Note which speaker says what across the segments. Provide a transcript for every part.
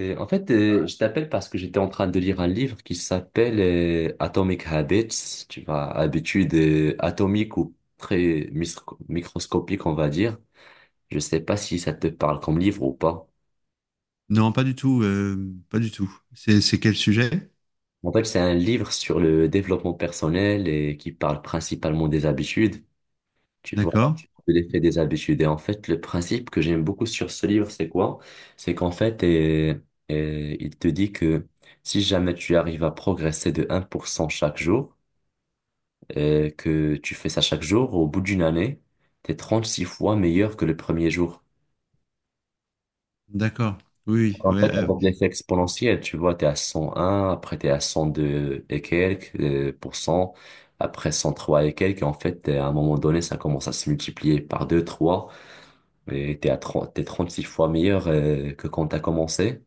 Speaker 1: Je t'appelle parce que j'étais en train de lire un livre qui s'appelle Atomic Habits, tu vois, habitudes atomiques ou microscopiques, on va dire. Je sais pas si ça te parle comme livre ou pas.
Speaker 2: Non, pas du tout, pas du tout. C'est quel sujet?
Speaker 1: En fait, c'est un livre sur le développement personnel et qui parle principalement des habitudes, tu vois,
Speaker 2: D'accord,
Speaker 1: de l'effet des habitudes. Et en fait, le principe que j'aime beaucoup sur ce livre, c'est quoi? C'est qu'en fait, il te dit que si jamais tu arrives à progresser de un pour cent chaque jour, que tu fais ça chaque jour, au bout d'une année, t'es 36 fois meilleur que le premier jour.
Speaker 2: d'accord. Oui, oui,
Speaker 1: En fait,
Speaker 2: ouais,
Speaker 1: on voit l'effet exponentiel, tu vois, t'es à 101, après t'es à 102 et quelques pour cent, après 103 et quelques, et en fait, à un moment donné, ça commence à se multiplier par 2, 3. Et t'es 36 fois meilleur que quand t'as commencé.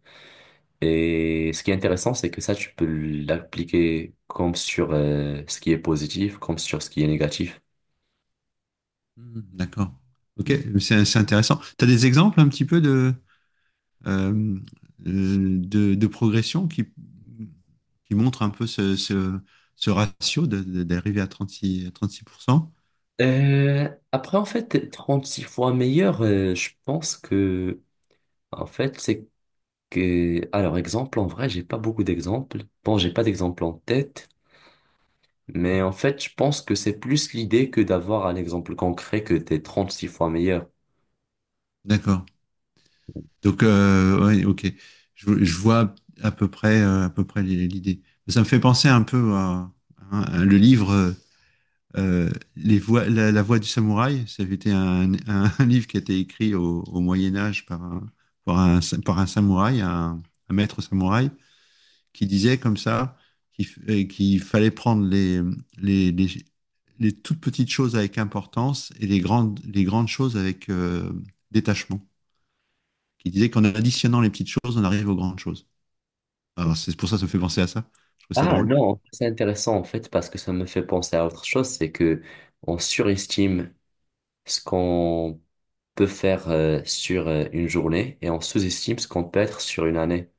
Speaker 1: Et ce qui est intéressant, c'est que ça, tu peux l'appliquer comme sur ce qui est positif, comme sur ce qui est négatif.
Speaker 2: hmm, d'accord. Ok, c'est intéressant. Tu as des exemples un petit peu euh, de progression qui montrent un peu ce ratio d'arriver à trente-six à trente-six à cent.
Speaker 1: Après, en fait, 36 fois meilleur, je pense que, en fait, c'est que, alors, exemple, en vrai, j'ai pas beaucoup d'exemples. Bon, j'ai pas d'exemple en tête, mais en fait, je pense que c'est plus l'idée que d'avoir un exemple concret que t'es six fois meilleur.
Speaker 2: D'accord. Donc, ouais, ok. Je vois à peu près l'idée. Ça me fait penser un peu à, hein, à le livre euh, Les voix, la voix du samouraï. Ça avait été un livre qui a été écrit au Moyen Âge par un, par un samouraï, un maître samouraï, qui disait comme ça qu'il fallait prendre les, les, les, les toutes petites choses avec importance et les grandes choses avec détachement, qui disait qu'en additionnant les petites choses, on arrive aux grandes choses. Alors, c'est pour ça que ça me fait penser à ça. Je trouve ça
Speaker 1: Ah
Speaker 2: drôle.
Speaker 1: non, c'est intéressant en fait parce que ça me fait penser à autre chose, c'est que on surestime ce qu'on peut faire sur une journée et on sous-estime ce qu'on peut être sur une année.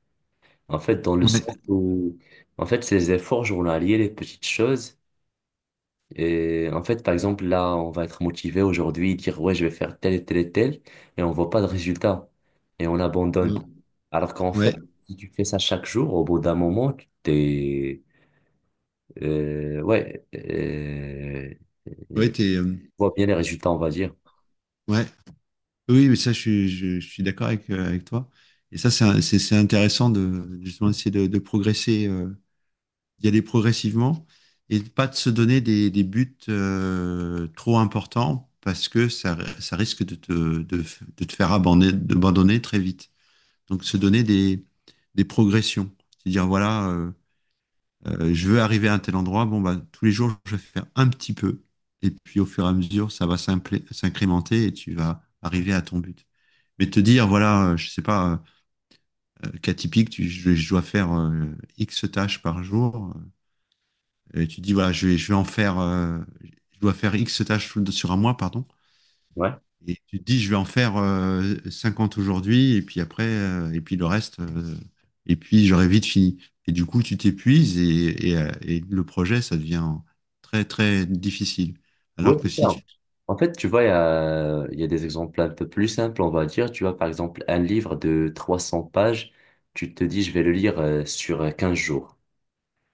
Speaker 1: En fait, dans le
Speaker 2: Ouais,
Speaker 1: sens où, en fait, ces efforts journaliers, les petites choses, et en fait, par exemple, là, on va être motivé aujourd'hui, dire, ouais, je vais faire tel et tel et tel, et on voit pas de résultat, et on
Speaker 2: euh,
Speaker 1: abandonne. Alors qu'en
Speaker 2: ouais,
Speaker 1: fait, si tu fais ça chaque jour, au bout d'un moment, euh, ouais, euh,
Speaker 2: ouais,
Speaker 1: tu
Speaker 2: t'es, euh,
Speaker 1: vois bien les résultats, on va dire.
Speaker 2: ouais. Oui, mais ça, je suis d'accord avec, avec toi. Et ça, c'est un- c'est intéressant de justement essayer de progresser, d'y aller progressivement et de pas de se donner des buts trop importants parce que ça risque de te, de te faire abandonner, d'abandonner très vite. Donc, se donner des progressions. C'est-à-dire, voilà, je veux arriver à un tel endroit. Bon, bah, tous les jours, je vais faire un petit peu. Et puis, au fur et à mesure, ça va s'incrémenter et tu vas arriver à ton but. Mais te dire, voilà, je sais pas, cas typique, je dois faire X tâches par jour. Et tu dis, voilà, je vais en faire, je dois faire X tâches sur sur un mois, pardon.
Speaker 1: Ouais.
Speaker 2: Et tu te dis, je vais en faire 50 aujourd'hui, et puis après, et puis le reste, et puis j'aurai vite fini. Et du coup, tu t'épuises et et le projet, ça devient très, très difficile.
Speaker 1: Oui,
Speaker 2: Alors que
Speaker 1: c'est
Speaker 2: si
Speaker 1: ça.
Speaker 2: tu...
Speaker 1: En fait, tu vois, il y a des exemples un peu plus simples, on va dire. Tu vois, par exemple, un livre de 300 pages, tu te dis, je vais le lire sur 15 jours.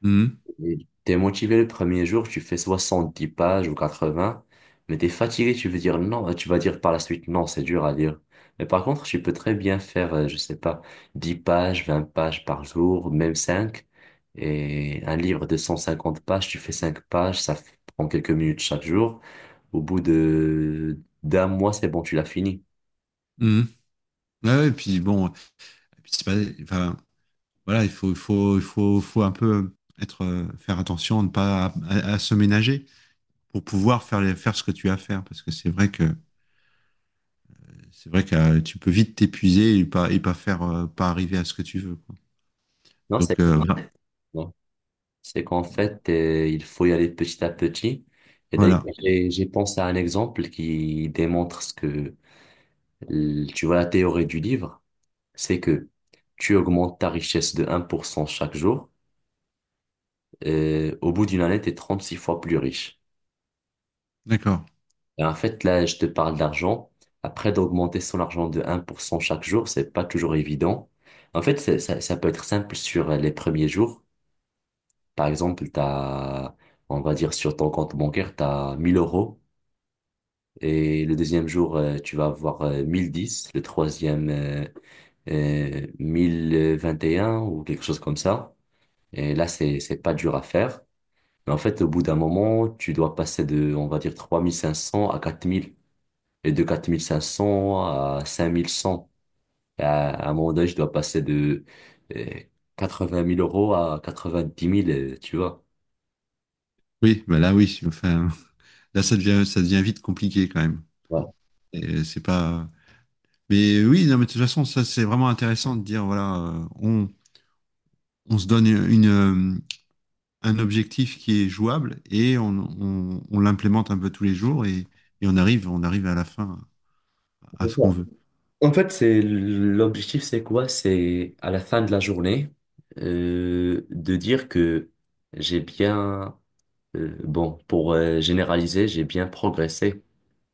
Speaker 2: Mhm,
Speaker 1: Et t'es motivé le premier jour, tu fais 70 pages ou 80, mais t'es fatigué, tu veux dire non, tu vas dire par la suite, non, c'est dur à lire. Mais par contre, tu peux très bien faire, je sais pas, 10 pages, 20 pages par jour, même 5. Et un livre de 150 pages, tu fais 5 pages, prend quelques minutes chaque jour. Au bout de d'un mois, c'est bon, tu l'as fini.
Speaker 2: mhm. Ouais, ouais, et puis bon, et puis c'est pas, enfin, voilà, faut un peu être, faire attention à ne pas à, à se ménager pour pouvoir faire, faire ce que tu as à faire. Parce que c'est vrai que tu peux vite t'épuiser et pas faire, pas arriver à ce que tu veux.
Speaker 1: Non, c'est
Speaker 2: Donc ouais.
Speaker 1: exactement. C'est qu'en fait, il faut y aller petit à petit. Et d'ailleurs,
Speaker 2: Voilà.
Speaker 1: j'ai pensé à un exemple qui démontre ce que, tu vois, la théorie du livre, c'est que tu augmentes ta richesse de un pour cent chaque jour. Et au bout d'une année, tu es six fois plus riche.
Speaker 2: D'accord.
Speaker 1: Et en fait, là, je te parle d'argent. Après, d'augmenter son argent de un pour cent chaque jour, c'est pas toujours évident. Ça, ça peut être simple sur les premiers jours. Par exemple, on va dire sur ton compte bancaire, t'as 1000 euros et le deuxième jour, tu vas avoir 1010 le troisième, 1021 ou quelque chose comme ça. Et là, c'est pas dur à faire. Mais en fait, au bout d'un moment, tu dois passer de, on va dire, 3500 à 4000 et de 4500 à 5100. Et à un moment donné, je dois passer de euh, vingt mille euros à 90 000, tu vois.
Speaker 2: Oui, bah là oui, enfin là ça devient vite compliqué quand même.
Speaker 1: Ouais.
Speaker 2: Et c'est pas, mais oui, non, mais de toute façon ça c'est vraiment intéressant de dire voilà, on se donne une, un objectif qui est jouable et on, on l'implémente un peu tous les jours et on arrive à la fin à ce qu'on veut.
Speaker 1: En fait, c'est l'objectif, c'est quoi? C'est à la fin de la journée de dire que j'ai bien, bon, pour généraliser, j'ai bien progressé.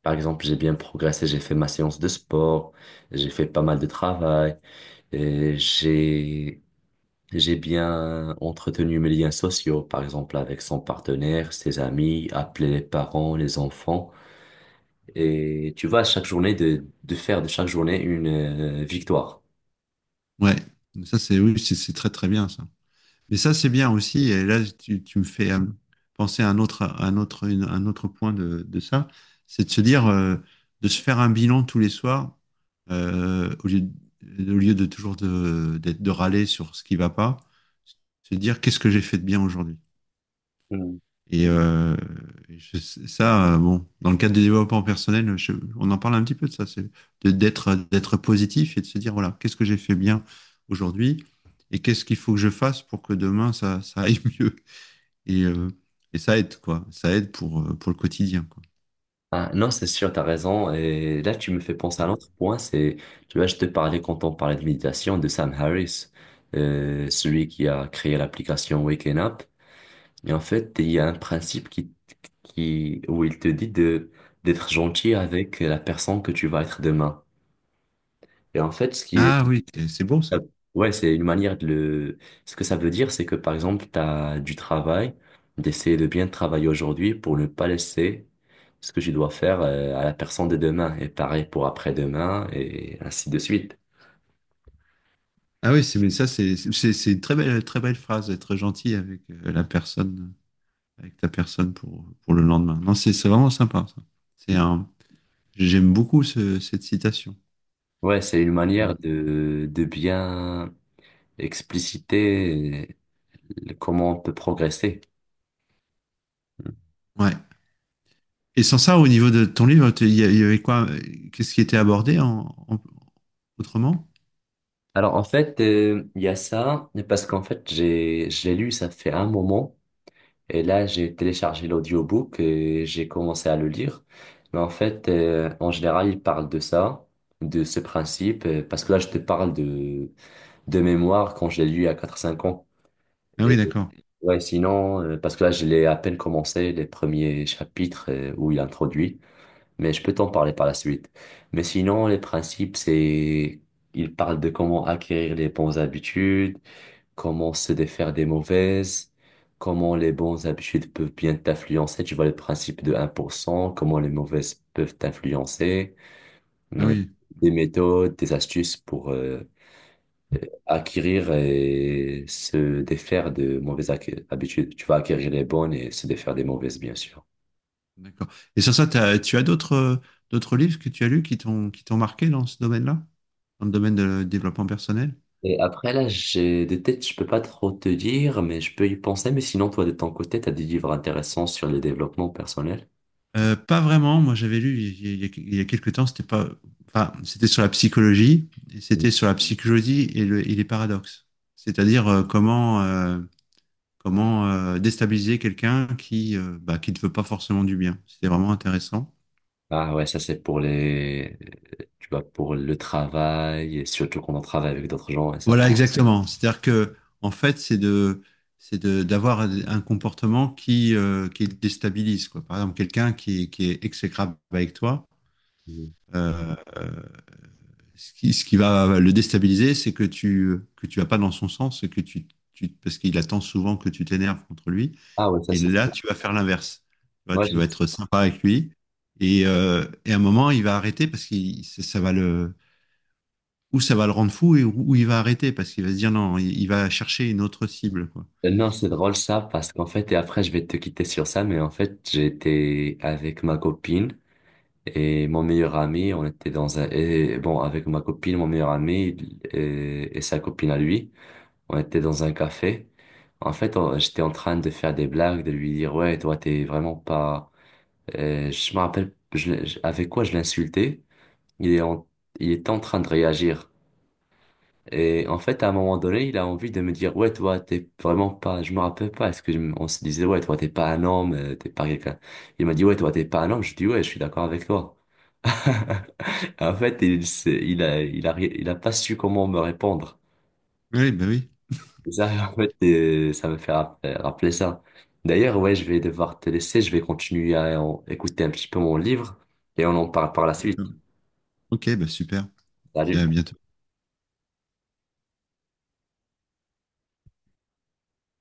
Speaker 1: Par exemple, j'ai bien progressé, j'ai fait ma séance de sport, j'ai fait pas mal de travail, et j'ai bien entretenu mes liens sociaux, par exemple avec son partenaire, ses amis, appeler les parents, les enfants. Et tu vois, chaque journée de faire de chaque journée une victoire.
Speaker 2: Ouais. Ça c'est oui, c'est très très bien ça. Et ça, c'est bien aussi. Et là, tu me fais penser à un autre, un autre point de ça. C'est de se dire, de se faire un bilan tous les soirs, au lieu, au lieu de toujours de, de râler sur ce qui va pas, se dire qu'est-ce que j'ai fait de bien aujourd'hui.
Speaker 1: Mm.
Speaker 2: Et je- ça, bon, dans le cadre du développement personnel, on en parle un petit peu de ça, c'est d'être d'être positif et de se dire, voilà, qu'est-ce que j'ai fait bien aujourd'hui et qu'est-ce qu'il faut que je fasse pour que demain ça, ça aille mieux. Et, euh, et ça aide, quoi. Ça aide pour le quotidien, quoi.
Speaker 1: Ah, non, c'est sûr, t'as raison. Et là, tu me fais penser à l'autre point, c'est, tu vois, je te parlais quand on parlait de méditation de Sam Harris, celui qui a créé l'application Waken Up. Et en fait, il y a un principe où il te dit de, d'être gentil avec la personne que tu vas être demain. Et en fait, ce qui
Speaker 2: Ah oui, c'est beau ça.
Speaker 1: Euh, ouais, c'est une manière de le... Ce que ça veut dire, c'est que par exemple, tu as du travail, d'essayer de bien travailler aujourd'hui pour ne pas laisser ce que je dois faire à la personne de demain, et pareil pour après-demain, et ainsi de suite.
Speaker 2: Ah oui, c'est, mais ça, c'est une très belle phrase, être gentil avec la personne, avec ta personne pour le lendemain. Non, c'est vraiment sympa, ça. C'est un, j'aime beaucoup cette citation.
Speaker 1: Ouais, c'est une
Speaker 2: Et,
Speaker 1: manière de bien expliciter comment on peut progresser.
Speaker 2: Ouais. Et sans ça, au niveau de ton livre, il il y avait quoi? Qu'est-ce qui était abordé autrement?
Speaker 1: Alors en fait, il y a ça, parce qu'en fait, je l'ai lu, ça fait un moment. Et là, j'ai téléchargé l'audiobook et j'ai commencé à le lire. Mais en fait, en général, il parle de ça, de ce principe, parce que là, je te parle de mémoire quand je l'ai lu à quatre cinq ans.
Speaker 2: Ah oui,
Speaker 1: Et
Speaker 2: d'accord.
Speaker 1: ouais, sinon, parce que là, je l'ai à peine commencé les premiers chapitres où il introduit, mais je peux t'en parler par la suite. Mais sinon, les principes, c'est, il parle de comment acquérir les bonnes habitudes, comment se défaire des mauvaises, comment les bonnes habitudes peuvent bien t'influencer, tu vois le principe de un pour cent. Comment les mauvaises peuvent t'influencer,
Speaker 2: Ah
Speaker 1: ouais,
Speaker 2: oui,
Speaker 1: des méthodes, des astuces pour euh, acquérir et se défaire de habitudes. Tu vas acquérir les bonnes et se défaire des mauvaises, bien sûr.
Speaker 2: d'accord. Et sans ça, tu as d'autres d'autres livres que tu as lus qui t'ont marqué dans ce domaine-là, dans le domaine de développement personnel?
Speaker 1: Et après, là, j'ai de tête, je peux pas trop te dire, mais je peux y penser. Mais sinon, toi, de ton côté, tu as des livres intéressants sur le développement personnel.
Speaker 2: Pas vraiment. Moi, j'avais lu il y a quelques temps. C'était pas. Enfin, c'était sur la psychologie. Et c'était sur la psychologie et, et les paradoxes. C'est-à-dire Comment déstabiliser quelqu'un qui, bah, qui ne veut pas forcément du bien. C'était vraiment intéressant.
Speaker 1: Ah ouais, ça c'est pour les, tu vois, pour le travail, et surtout quand on travaille avec d'autres gens et ça.
Speaker 2: Voilà, exactement. C'est-à-dire que, en fait, c'est de, d'avoir un comportement qui déstabilise, quoi. Par exemple, quelqu'un qui est exécrable avec toi,
Speaker 1: Mhm.
Speaker 2: euh, euh, ce qui va le déstabiliser, c'est que tu vas pas dans son sens et que parce qu'il attend souvent que tu t'énerves contre lui.
Speaker 1: Ah ouais, ça
Speaker 2: Et
Speaker 1: c'est
Speaker 2: là,
Speaker 1: trop.
Speaker 2: tu vas faire l'inverse. Tu vois,
Speaker 1: Moi,
Speaker 2: tu vas
Speaker 1: je-
Speaker 2: être sympa avec lui. Et à un moment, il va arrêter parce que ça va le, ou ça va le rendre fou et où il va arrêter parce qu'il va se dire non, il va chercher une autre cible, quoi.
Speaker 1: Non, c'est drôle ça, parce qu'en fait, et après je vais te quitter sur ça, mais en fait, j'étais avec ma copine et mon meilleur ami, on était dans un, et bon, avec ma copine, mon meilleur ami et sa copine à lui, on était dans un café. En fait, j'étais en train de faire des blagues, de lui dire, ouais, toi, t'es vraiment pas, je me rappelle, je l'ai- je- avec quoi je l'insultais? il est en, il est en train de réagir. Et en fait, à un moment donné, il a envie de me dire, ouais, toi, t'es vraiment pas, je me rappelle pas, est-ce que je me- on se disait, ouais, toi, t'es pas un homme, t'es pas quelqu'un. Il m'a dit, ouais, toi, t'es pas un homme. Je dis, ouais, je suis d'accord avec toi. En fait, il, s'est- il a, ri- il a pas su comment me répondre.
Speaker 2: Oui, bah oui.
Speaker 1: Et ça, en fait, ça me fait rappeler, rappeler ça. D'ailleurs, ouais, je vais devoir te laisser, je vais continuer écouter un petit peu mon livre et on en parle par la
Speaker 2: D'accord.
Speaker 1: suite.
Speaker 2: Ok, bah super. Puis
Speaker 1: Salut.
Speaker 2: à bientôt.